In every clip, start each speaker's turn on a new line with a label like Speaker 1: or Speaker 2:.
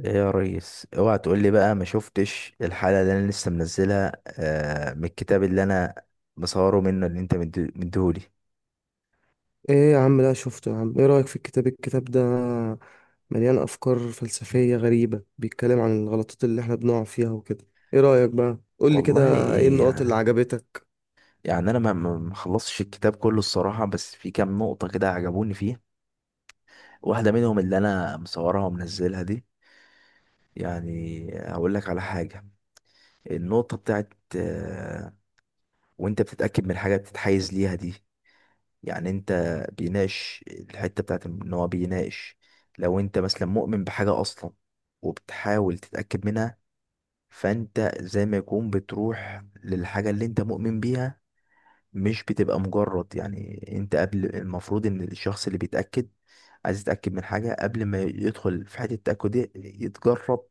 Speaker 1: ايه يا ريس، اوعى تقول لي بقى ما شفتش الحلقه اللي انا لسه منزلها من الكتاب اللي انا مصوره منه اللي انت مديهولي.
Speaker 2: ايه يا عم ده شفته يا عم، ايه رأيك في الكتاب ده؟ مليان افكار فلسفية غريبة، بيتكلم عن الغلطات اللي احنا بنقع فيها وكده. ايه رأيك بقى؟ قولي كده.
Speaker 1: والله
Speaker 2: ايه
Speaker 1: إيه
Speaker 2: النقط اللي
Speaker 1: يعني.
Speaker 2: عجبتك؟
Speaker 1: يعني انا ما خلصتش الكتاب كله الصراحه، بس في كام نقطه كده عجبوني فيه. واحده منهم اللي انا مصورها ومنزلها دي. يعني هقول لك على حاجه. النقطه بتاعت وانت بتتاكد من حاجه بتتحيز ليها دي. يعني انت بيناقش الحتة بتاعت ان هو بيناقش. لو انت مثلا مؤمن بحاجة اصلا وبتحاول تتأكد منها، فانت زي ما يكون بتروح للحاجة اللي انت مؤمن بيها، مش بتبقى مجرد. يعني انت قبل، المفروض ان الشخص اللي بيتأكد عايز يتأكد من حاجة قبل ما يدخل في حتة التأكد دي يتجرد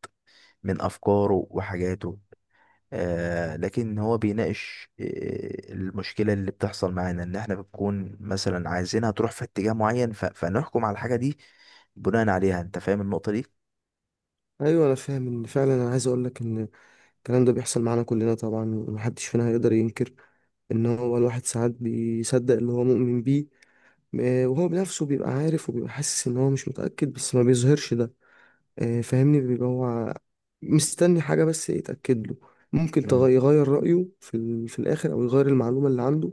Speaker 1: من أفكاره وحاجاته. لكن هو بيناقش المشكلة اللي بتحصل معانا ان احنا بنكون مثلا عايزينها تروح في اتجاه معين، فنحكم على الحاجة دي بناء عليها. انت فاهم النقطة دي؟
Speaker 2: ايوه انا فاهم. ان فعلا انا عايز اقولك ان الكلام ده بيحصل معانا كلنا طبعا، ومحدش فينا هيقدر ينكر ان هو الواحد ساعات بيصدق اللي هو مؤمن بيه. وهو بنفسه بيبقى عارف وبيبقى حاسس ان هو مش متأكد، بس ما بيظهرش ده. فاهمني؟ بيبقى هو مستني حاجة بس يتأكد له، ممكن
Speaker 1: امم.
Speaker 2: يغير رأيه في الآخر، أو يغير المعلومة اللي عنده.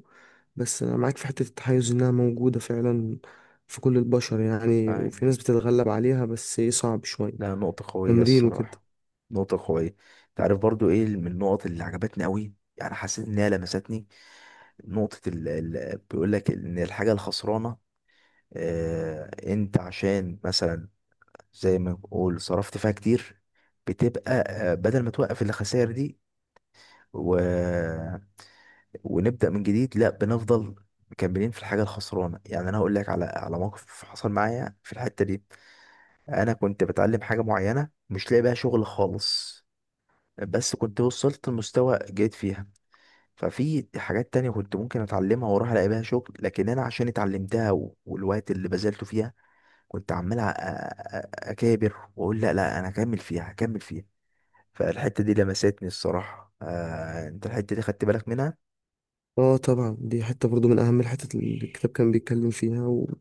Speaker 2: بس أنا معاك في حتة التحيز، إنها موجودة فعلا في كل البشر يعني، وفي
Speaker 1: فاهم.
Speaker 2: ناس بتتغلب عليها، بس إيه، صعب
Speaker 1: لا،
Speaker 2: شوية.
Speaker 1: نقطة قوية
Speaker 2: تمرين وكده.
Speaker 1: الصراحة. نقطة قوية. تعرف برضو ايه من النقط اللي عجبتني قوي؟ يعني حسيت انها لمستني. نقطة بيقول لك ان الحاجة الخسرانة، انت عشان مثلا زي ما بنقول صرفت فيها كتير، بتبقى بدل ما توقف الخسائر دي و... ونبدأ من جديد، لا بنفضل مكملين في الحاجة الخسرانة. يعني أنا هقول لك على موقف حصل معايا في الحتة دي. أنا كنت بتعلم حاجة معينة مش لاقي بيها شغل خالص، بس كنت وصلت لمستوى جيد فيها. ففي حاجات تانية كنت ممكن أتعلمها وأروح ألاقي بيها شغل، لكن أنا عشان اتعلمتها والوقت اللي بذلته فيها كنت عمال أكابر وأقول لا لا أنا هكمل فيها هكمل فيها. فالحتة دي لمستني الصراحة. أنت الحتة دي خدت بالك منها؟
Speaker 2: اه طبعا، دي حتة برضو من أهم الحتت اللي الكتاب كان بيتكلم فيها، وهي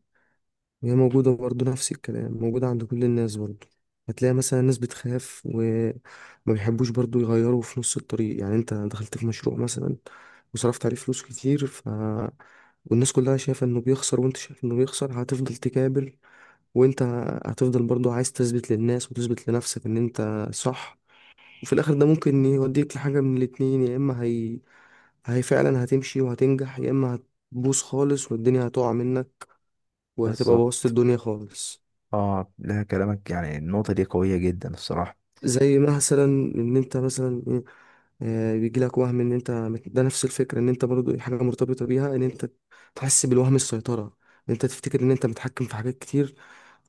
Speaker 2: موجودة برضه، نفس الكلام موجودة عند كل الناس برضه. هتلاقي مثلا ناس بتخاف وما بيحبوش برضه يغيروا في نص الطريق. يعني انت دخلت في مشروع مثلا وصرفت عليه فلوس كتير، ف... والناس كلها شايفة انه بيخسر، وانت شايف انه بيخسر، هتفضل تكابر، وانت هتفضل برضه عايز تثبت للناس وتثبت لنفسك ان انت صح. وفي الاخر ده ممكن يوديك لحاجة من الاتنين، يا اما هي فعلا هتمشي وهتنجح، يا اما هتبوظ خالص والدنيا هتقع منك، وهتبقى بوظت
Speaker 1: بالظبط.
Speaker 2: الدنيا خالص.
Speaker 1: اه، لا كلامك يعني النقطة دي قوية جدا الصراحة.
Speaker 2: زي مثلا ان انت مثلا ايه، بيجي لك وهم ان انت ده نفس الفكره، ان انت برضو حاجه مرتبطه بيها، ان انت تحس بالوهم، السيطره، ان انت تفتكر ان انت متحكم في حاجات كتير،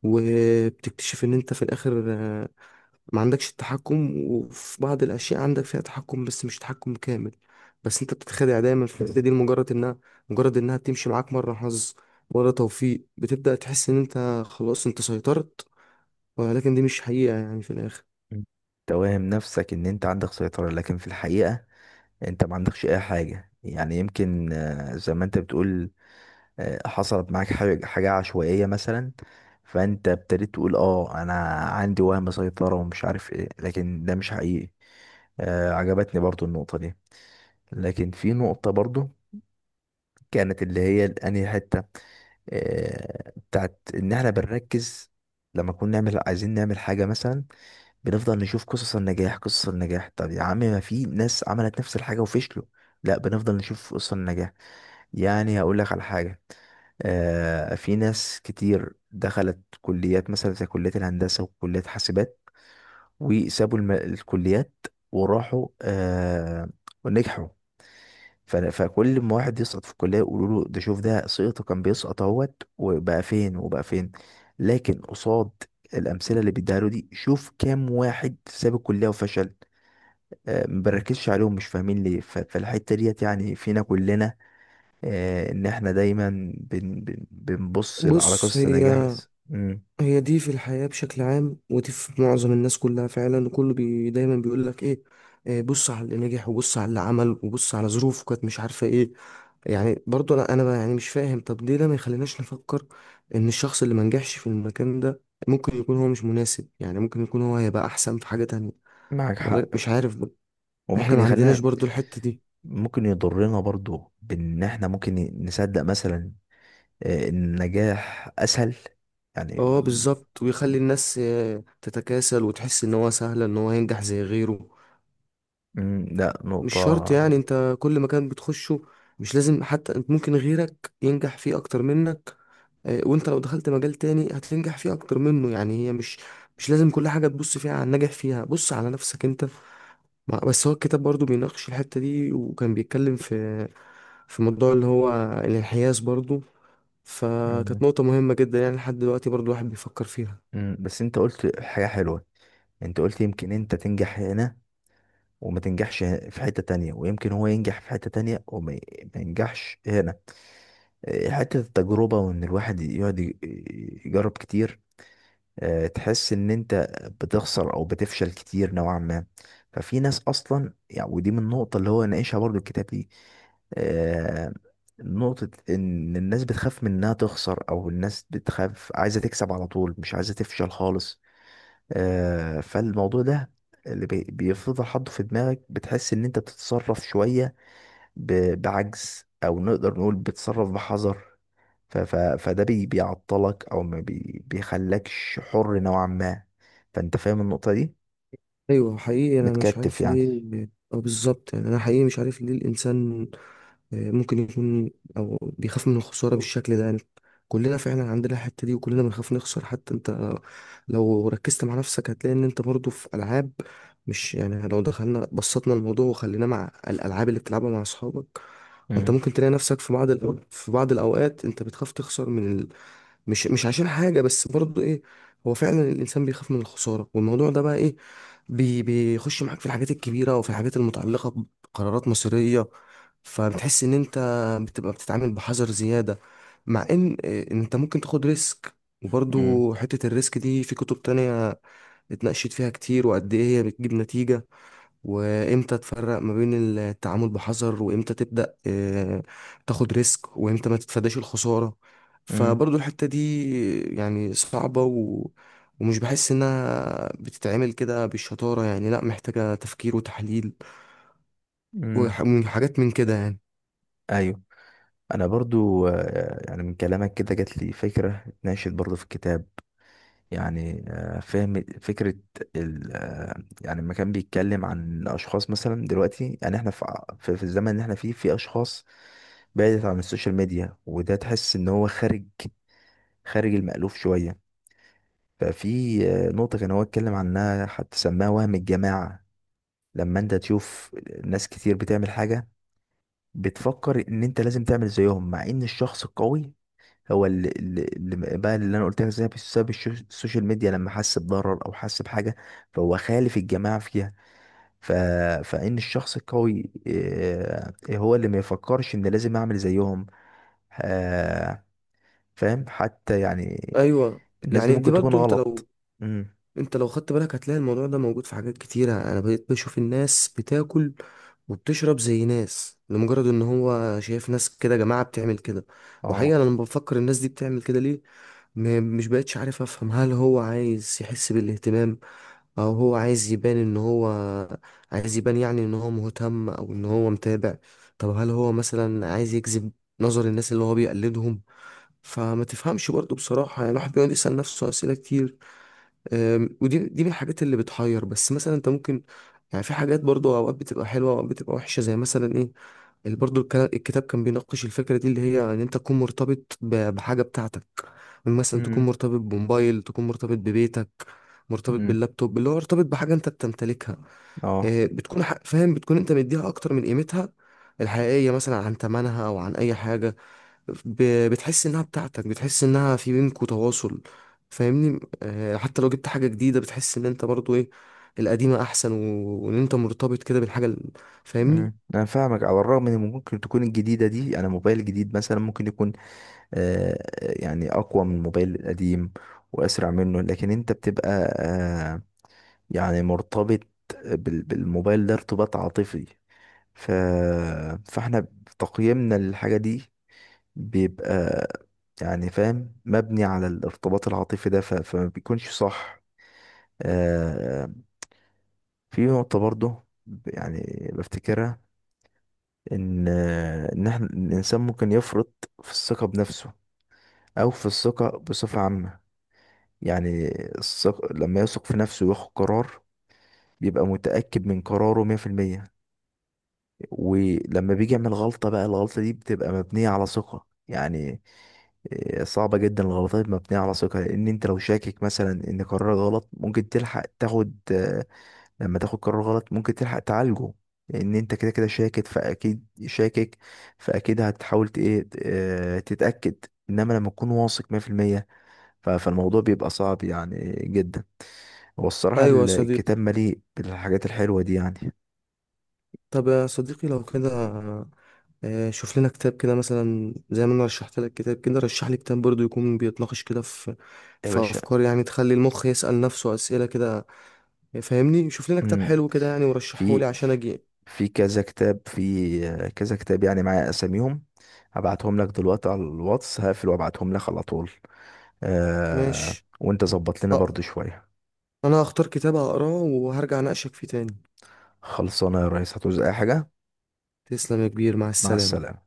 Speaker 2: وبتكتشف ان انت في الاخر ما عندكش التحكم. وفي بعض الاشياء عندك فيها تحكم بس مش تحكم كامل، بس انت بتتخدع دايما في الحته دي لمجرد انها بتمشي معاك مره حظ، مره توفيق، بتبدا تحس ان انت خلاص انت سيطرت، ولكن دي مش حقيقه يعني في الاخر.
Speaker 1: مم. توهم نفسك ان انت عندك سيطرة، لكن في الحقيقة انت ما عندكش اي حاجة. يعني يمكن زي ما انت بتقول حصلت معاك حاجة عشوائية مثلا، فانت ابتديت تقول اه انا عندي وهم سيطرة ومش عارف ايه، لكن ده مش حقيقي. عجبتني برضو النقطة دي. لكن في نقطة برضو كانت اللي هي انهي حتة، بتاعت ان احنا بنركز، لما نكون نعمل عايزين نعمل حاجة مثلا، بنفضل نشوف قصص النجاح قصص النجاح. طب يا عم، ما في ناس عملت نفس الحاجة وفشلوا؟ لا، بنفضل نشوف قصص النجاح. يعني هقول لك على حاجة. في ناس كتير دخلت كليات مثلا زي كلية الهندسة وكلية حاسبات، وسابوا الكليات وراحوا ونجحوا. فكل ما واحد يسقط في الكلية يقولوا له: ده شوف ده سقطه، كان بيسقط اهوت وبقى فين وبقى فين. لكن قصاد الأمثلة اللي بيديها له دي، شوف كام واحد ساب الكلية وفشل. ما بنركزش عليهم، مش فاهمين ليه. فالحتة ديت يعني فينا كلنا، إن إحنا دايما بن بن بنبص على
Speaker 2: بص،
Speaker 1: قصة
Speaker 2: هي
Speaker 1: النجاح بس. مم.
Speaker 2: هي دي في الحياة بشكل عام، ودي في معظم الناس كلها فعلا. وكله بي دايما بيقول لك ايه، إيه، بص على اللي نجح، وبص على اللي عمل، وبص على ظروفه كانت مش عارفة ايه. يعني برضو انا بقى يعني مش فاهم، طب ليه ده ما يخليناش نفكر ان الشخص اللي ما نجحش في المكان ده ممكن يكون هو مش مناسب، يعني ممكن يكون هو هيبقى احسن في حاجة تانية،
Speaker 1: معك
Speaker 2: ولا
Speaker 1: حق.
Speaker 2: مش عارف بقى. احنا
Speaker 1: وممكن
Speaker 2: ما عندناش
Speaker 1: يخلينا،
Speaker 2: برضو الحتة دي.
Speaker 1: ممكن يضرنا برضو بإن إحنا ممكن نصدق مثلا إن النجاح أسهل يعني.
Speaker 2: اه بالظبط، ويخلي الناس تتكاسل وتحس ان هو سهل ان هو ينجح زي غيره.
Speaker 1: مم، لا
Speaker 2: مش شرط،
Speaker 1: نقطة.
Speaker 2: يعني انت كل مكان بتخشه مش لازم حتى، ممكن غيرك ينجح فيه اكتر منك. وانت لو دخلت مجال تاني هتنجح فيه اكتر منه. يعني هي مش لازم كل حاجة تبص فيها على الناجح فيها، بص على نفسك انت. بس هو الكتاب برضو بيناقش الحتة دي، وكان بيتكلم في في موضوع اللي هو الانحياز برضو. فكانت
Speaker 1: مم،
Speaker 2: نقطة مهمة جدا يعني، لحد دلوقتي برضو الواحد بيفكر فيها.
Speaker 1: مم، بس انت قلت حاجة حلوة. انت قلت يمكن انت تنجح هنا وما تنجحش في حتة تانية، ويمكن هو ينجح في حتة تانية وما ي- ما ينجحش هنا. إيه، حتة التجربة، وان الواحد يقعد يجرب كتير. تحس ان انت بتخسر او بتفشل كتير نوعا ما. ففي ناس اصلا، يعني ودي من النقطة اللي هو ناقشها برضو الكتاب دي، آه، نقطة ان الناس بتخاف من انها تخسر، او الناس بتخاف عايزة تكسب على طول، مش عايزة تفشل خالص. فالموضوع ده اللي بيفضل حاطه في دماغك، بتحس ان انت بتتصرف شوية بعجز، او نقدر نقول بتتصرف بحذر. فده بيعطلك او ما بيخلكش حر نوعا ما. فانت فاهم النقطة دي،
Speaker 2: ايوه حقيقي انا مش
Speaker 1: متكتف
Speaker 2: عارف
Speaker 1: يعني.
Speaker 2: ليه. اه بالظبط، يعني انا حقيقي مش عارف ليه الانسان ممكن يكون او بيخاف من الخساره بالشكل ده يعني. كلنا فعلا عندنا الحته دي، وكلنا بنخاف نخسر. حتى انت لو ركزت مع نفسك هتلاقي ان انت برضو في العاب، مش يعني، لو دخلنا بسطنا الموضوع وخليناه مع الالعاب اللي بتلعبها مع اصحابك، انت
Speaker 1: امم.
Speaker 2: ممكن تلاقي نفسك في بعض الاوقات انت بتخاف تخسر من، مش عشان حاجة، بس برضه ايه، هو فعلا الانسان بيخاف من الخسارة. والموضوع ده بقى ايه، بيخش معاك في الحاجات الكبيرة، وفي الحاجات المتعلقة بقرارات مصيرية. فبتحس ان انت بتبقى بتتعامل بحذر زيادة، مع ان إيه، انت ممكن تاخد ريسك.
Speaker 1: امم.
Speaker 2: وبرضه حتة الريسك دي في كتب تانية اتناقشت فيها كتير، وقد ايه هي بتجيب نتيجة، وامتى تفرق ما بين التعامل بحذر، وامتى تبدأ تاخد ريسك، وامتى ما تتفاداش الخسارة.
Speaker 1: امم.
Speaker 2: فبرضو الحتة دي يعني صعبة. ومش بحس انها بتتعمل كده بالشطارة، يعني لا، محتاجة تفكير وتحليل
Speaker 1: امم.
Speaker 2: وحاجات من كده يعني.
Speaker 1: ايوه. انا برضو يعني من كلامك كده جات لي فكرة اتناشد برضو في الكتاب، يعني فهم فكرة ال آه، يعني لما كان بيتكلم عن اشخاص مثلا. دلوقتي يعني احنا في الزمن اللي احنا فيه، في اشخاص بعدت عن السوشيال ميديا، وده تحس ان هو خارج، خارج المألوف شوية. ففي نقطة كان هو اتكلم عنها حتى سماها وهم الجماعة. لما انت تشوف ناس كتير بتعمل حاجة، بتفكر ان انت لازم تعمل زيهم، مع ان الشخص القوي هو اللي انا قلت لك، زي بسبب السوشيال ميديا لما حس بضرر او حس بحاجة، فهو خالف الجماعة فيها. ف... فان الشخص القوي هو اللي ما يفكرش ان لازم اعمل زيهم. آه، فاهم حتى يعني
Speaker 2: ايوه،
Speaker 1: الناس دي
Speaker 2: يعني دي
Speaker 1: ممكن تكون
Speaker 2: برضو، انت
Speaker 1: غلط.
Speaker 2: لو
Speaker 1: امم.
Speaker 2: انت لو خدت بالك هتلاقي الموضوع ده موجود في حاجات كتيرة. انا بقيت بشوف الناس بتاكل وبتشرب زي ناس لمجرد ان هو شايف ناس كده، جماعة بتعمل كده. وحقيقة
Speaker 1: اه.
Speaker 2: انا لما بفكر الناس دي بتعمل كده ليه، مش بقتش عارف افهم. هل هو عايز يحس بالاهتمام، او هو عايز يبان ان هو، عايز يبان يعني ان هو مهتم او ان هو متابع؟ طب هل هو مثلا عايز يجذب نظر الناس اللي هو بيقلدهم؟ فما تفهمش برضه بصراحة، يعني الواحد بيقعد يسأل نفسه أسئلة كتير. ودي من الحاجات اللي بتحير. بس مثلا انت ممكن يعني، في حاجات برضو اوقات بتبقى حلوه، اوقات بتبقى وحشه، زي مثلا ايه، اللي برضو الكتاب كان بيناقش الفكره دي، اللي هي ان انت تكون مرتبط بحاجه بتاعتك. مثلا تكون مرتبط بموبايل، تكون مرتبط ببيتك، مرتبط
Speaker 1: امم.
Speaker 2: باللابتوب، اللي هو مرتبط بحاجه انت بتمتلكها.
Speaker 1: اه.
Speaker 2: فاهم، بتكون انت مديها اكتر من قيمتها الحقيقيه، مثلا عن ثمنها او عن اي حاجه. بتحس انها بتاعتك، بتحس انها في بينكوا تواصل. فاهمني؟ حتى لو جبت حاجة جديدة بتحس ان انت برضو ايه، القديمة احسن. وان انت مرتبط كده بالحاجة فاهمني؟
Speaker 1: مم. انا فاهمك، على الرغم ان ممكن تكون الجديده دي، انا موبايل جديد مثلا ممكن يكون يعني اقوى من الموبايل القديم واسرع منه، لكن انت بتبقى آه يعني مرتبط بالموبايل ده ارتباط عاطفي. ف... فاحنا تقييمنا للحاجه دي بيبقى، يعني فاهم، مبني على الارتباط العاطفي ده، فما بيكونش صح. آه في نقطه برضه يعني بفتكرها، ان احنا الانسان ممكن يفرط في الثقه بنفسه او في الثقه بصفه عامه. يعني الثقه لما يثق في نفسه وياخد قرار بيبقى متاكد من قراره 100%. ولما بيجي يعمل غلطه، بقى الغلطه دي بتبقى مبنيه على ثقه. يعني إيه، صعبة جدا الغلطات مبنية على ثقة. لأن أنت لو شاكك مثلا إن قرارك غلط، ممكن تلحق تاخد لما تاخد قرار غلط ممكن تلحق تعالجه، لان انت كده كده شاكك، فاكيد شاكك، فاكيد هتحاول ت- ايه ت- آه، تتاكد. انما لما تكون واثق 100%، فالموضوع بيبقى صعب يعني جدا. هو الصراحه
Speaker 2: ايوه يا صديقي.
Speaker 1: الكتاب مليء بالحاجات الحلوه دي يعني.
Speaker 2: طب يا صديقي لو كده، شوف لنا كتاب كده، مثلا زي ما انا رشحت لك كتاب كده، رشح لي كتاب برضو يكون بيتناقش كده في
Speaker 1: يا
Speaker 2: في
Speaker 1: باشا.
Speaker 2: افكار يعني تخلي المخ يسأل نفسه اسئلة كده. فاهمني؟ شوف لنا كتاب
Speaker 1: مم.
Speaker 2: حلو كده يعني، ورشحه لي
Speaker 1: في
Speaker 2: عشان اجي.
Speaker 1: في كذا كتاب، في آه، كذا كتاب يعني معايا اساميهم. هبعتهم لك دلوقتي على الواتس، هقفل وابعتهم لك على طول.
Speaker 2: ماشي.
Speaker 1: وانت ظبط لنا
Speaker 2: آه،
Speaker 1: برضو شويه.
Speaker 2: انا هختار كتاب هقراه وهرجع اناقشك فيه تاني.
Speaker 1: خلصانه يا ريس، هتعوز اي حاجه؟
Speaker 2: تسلم يا كبير، مع
Speaker 1: مع
Speaker 2: السلامة.
Speaker 1: السلامه.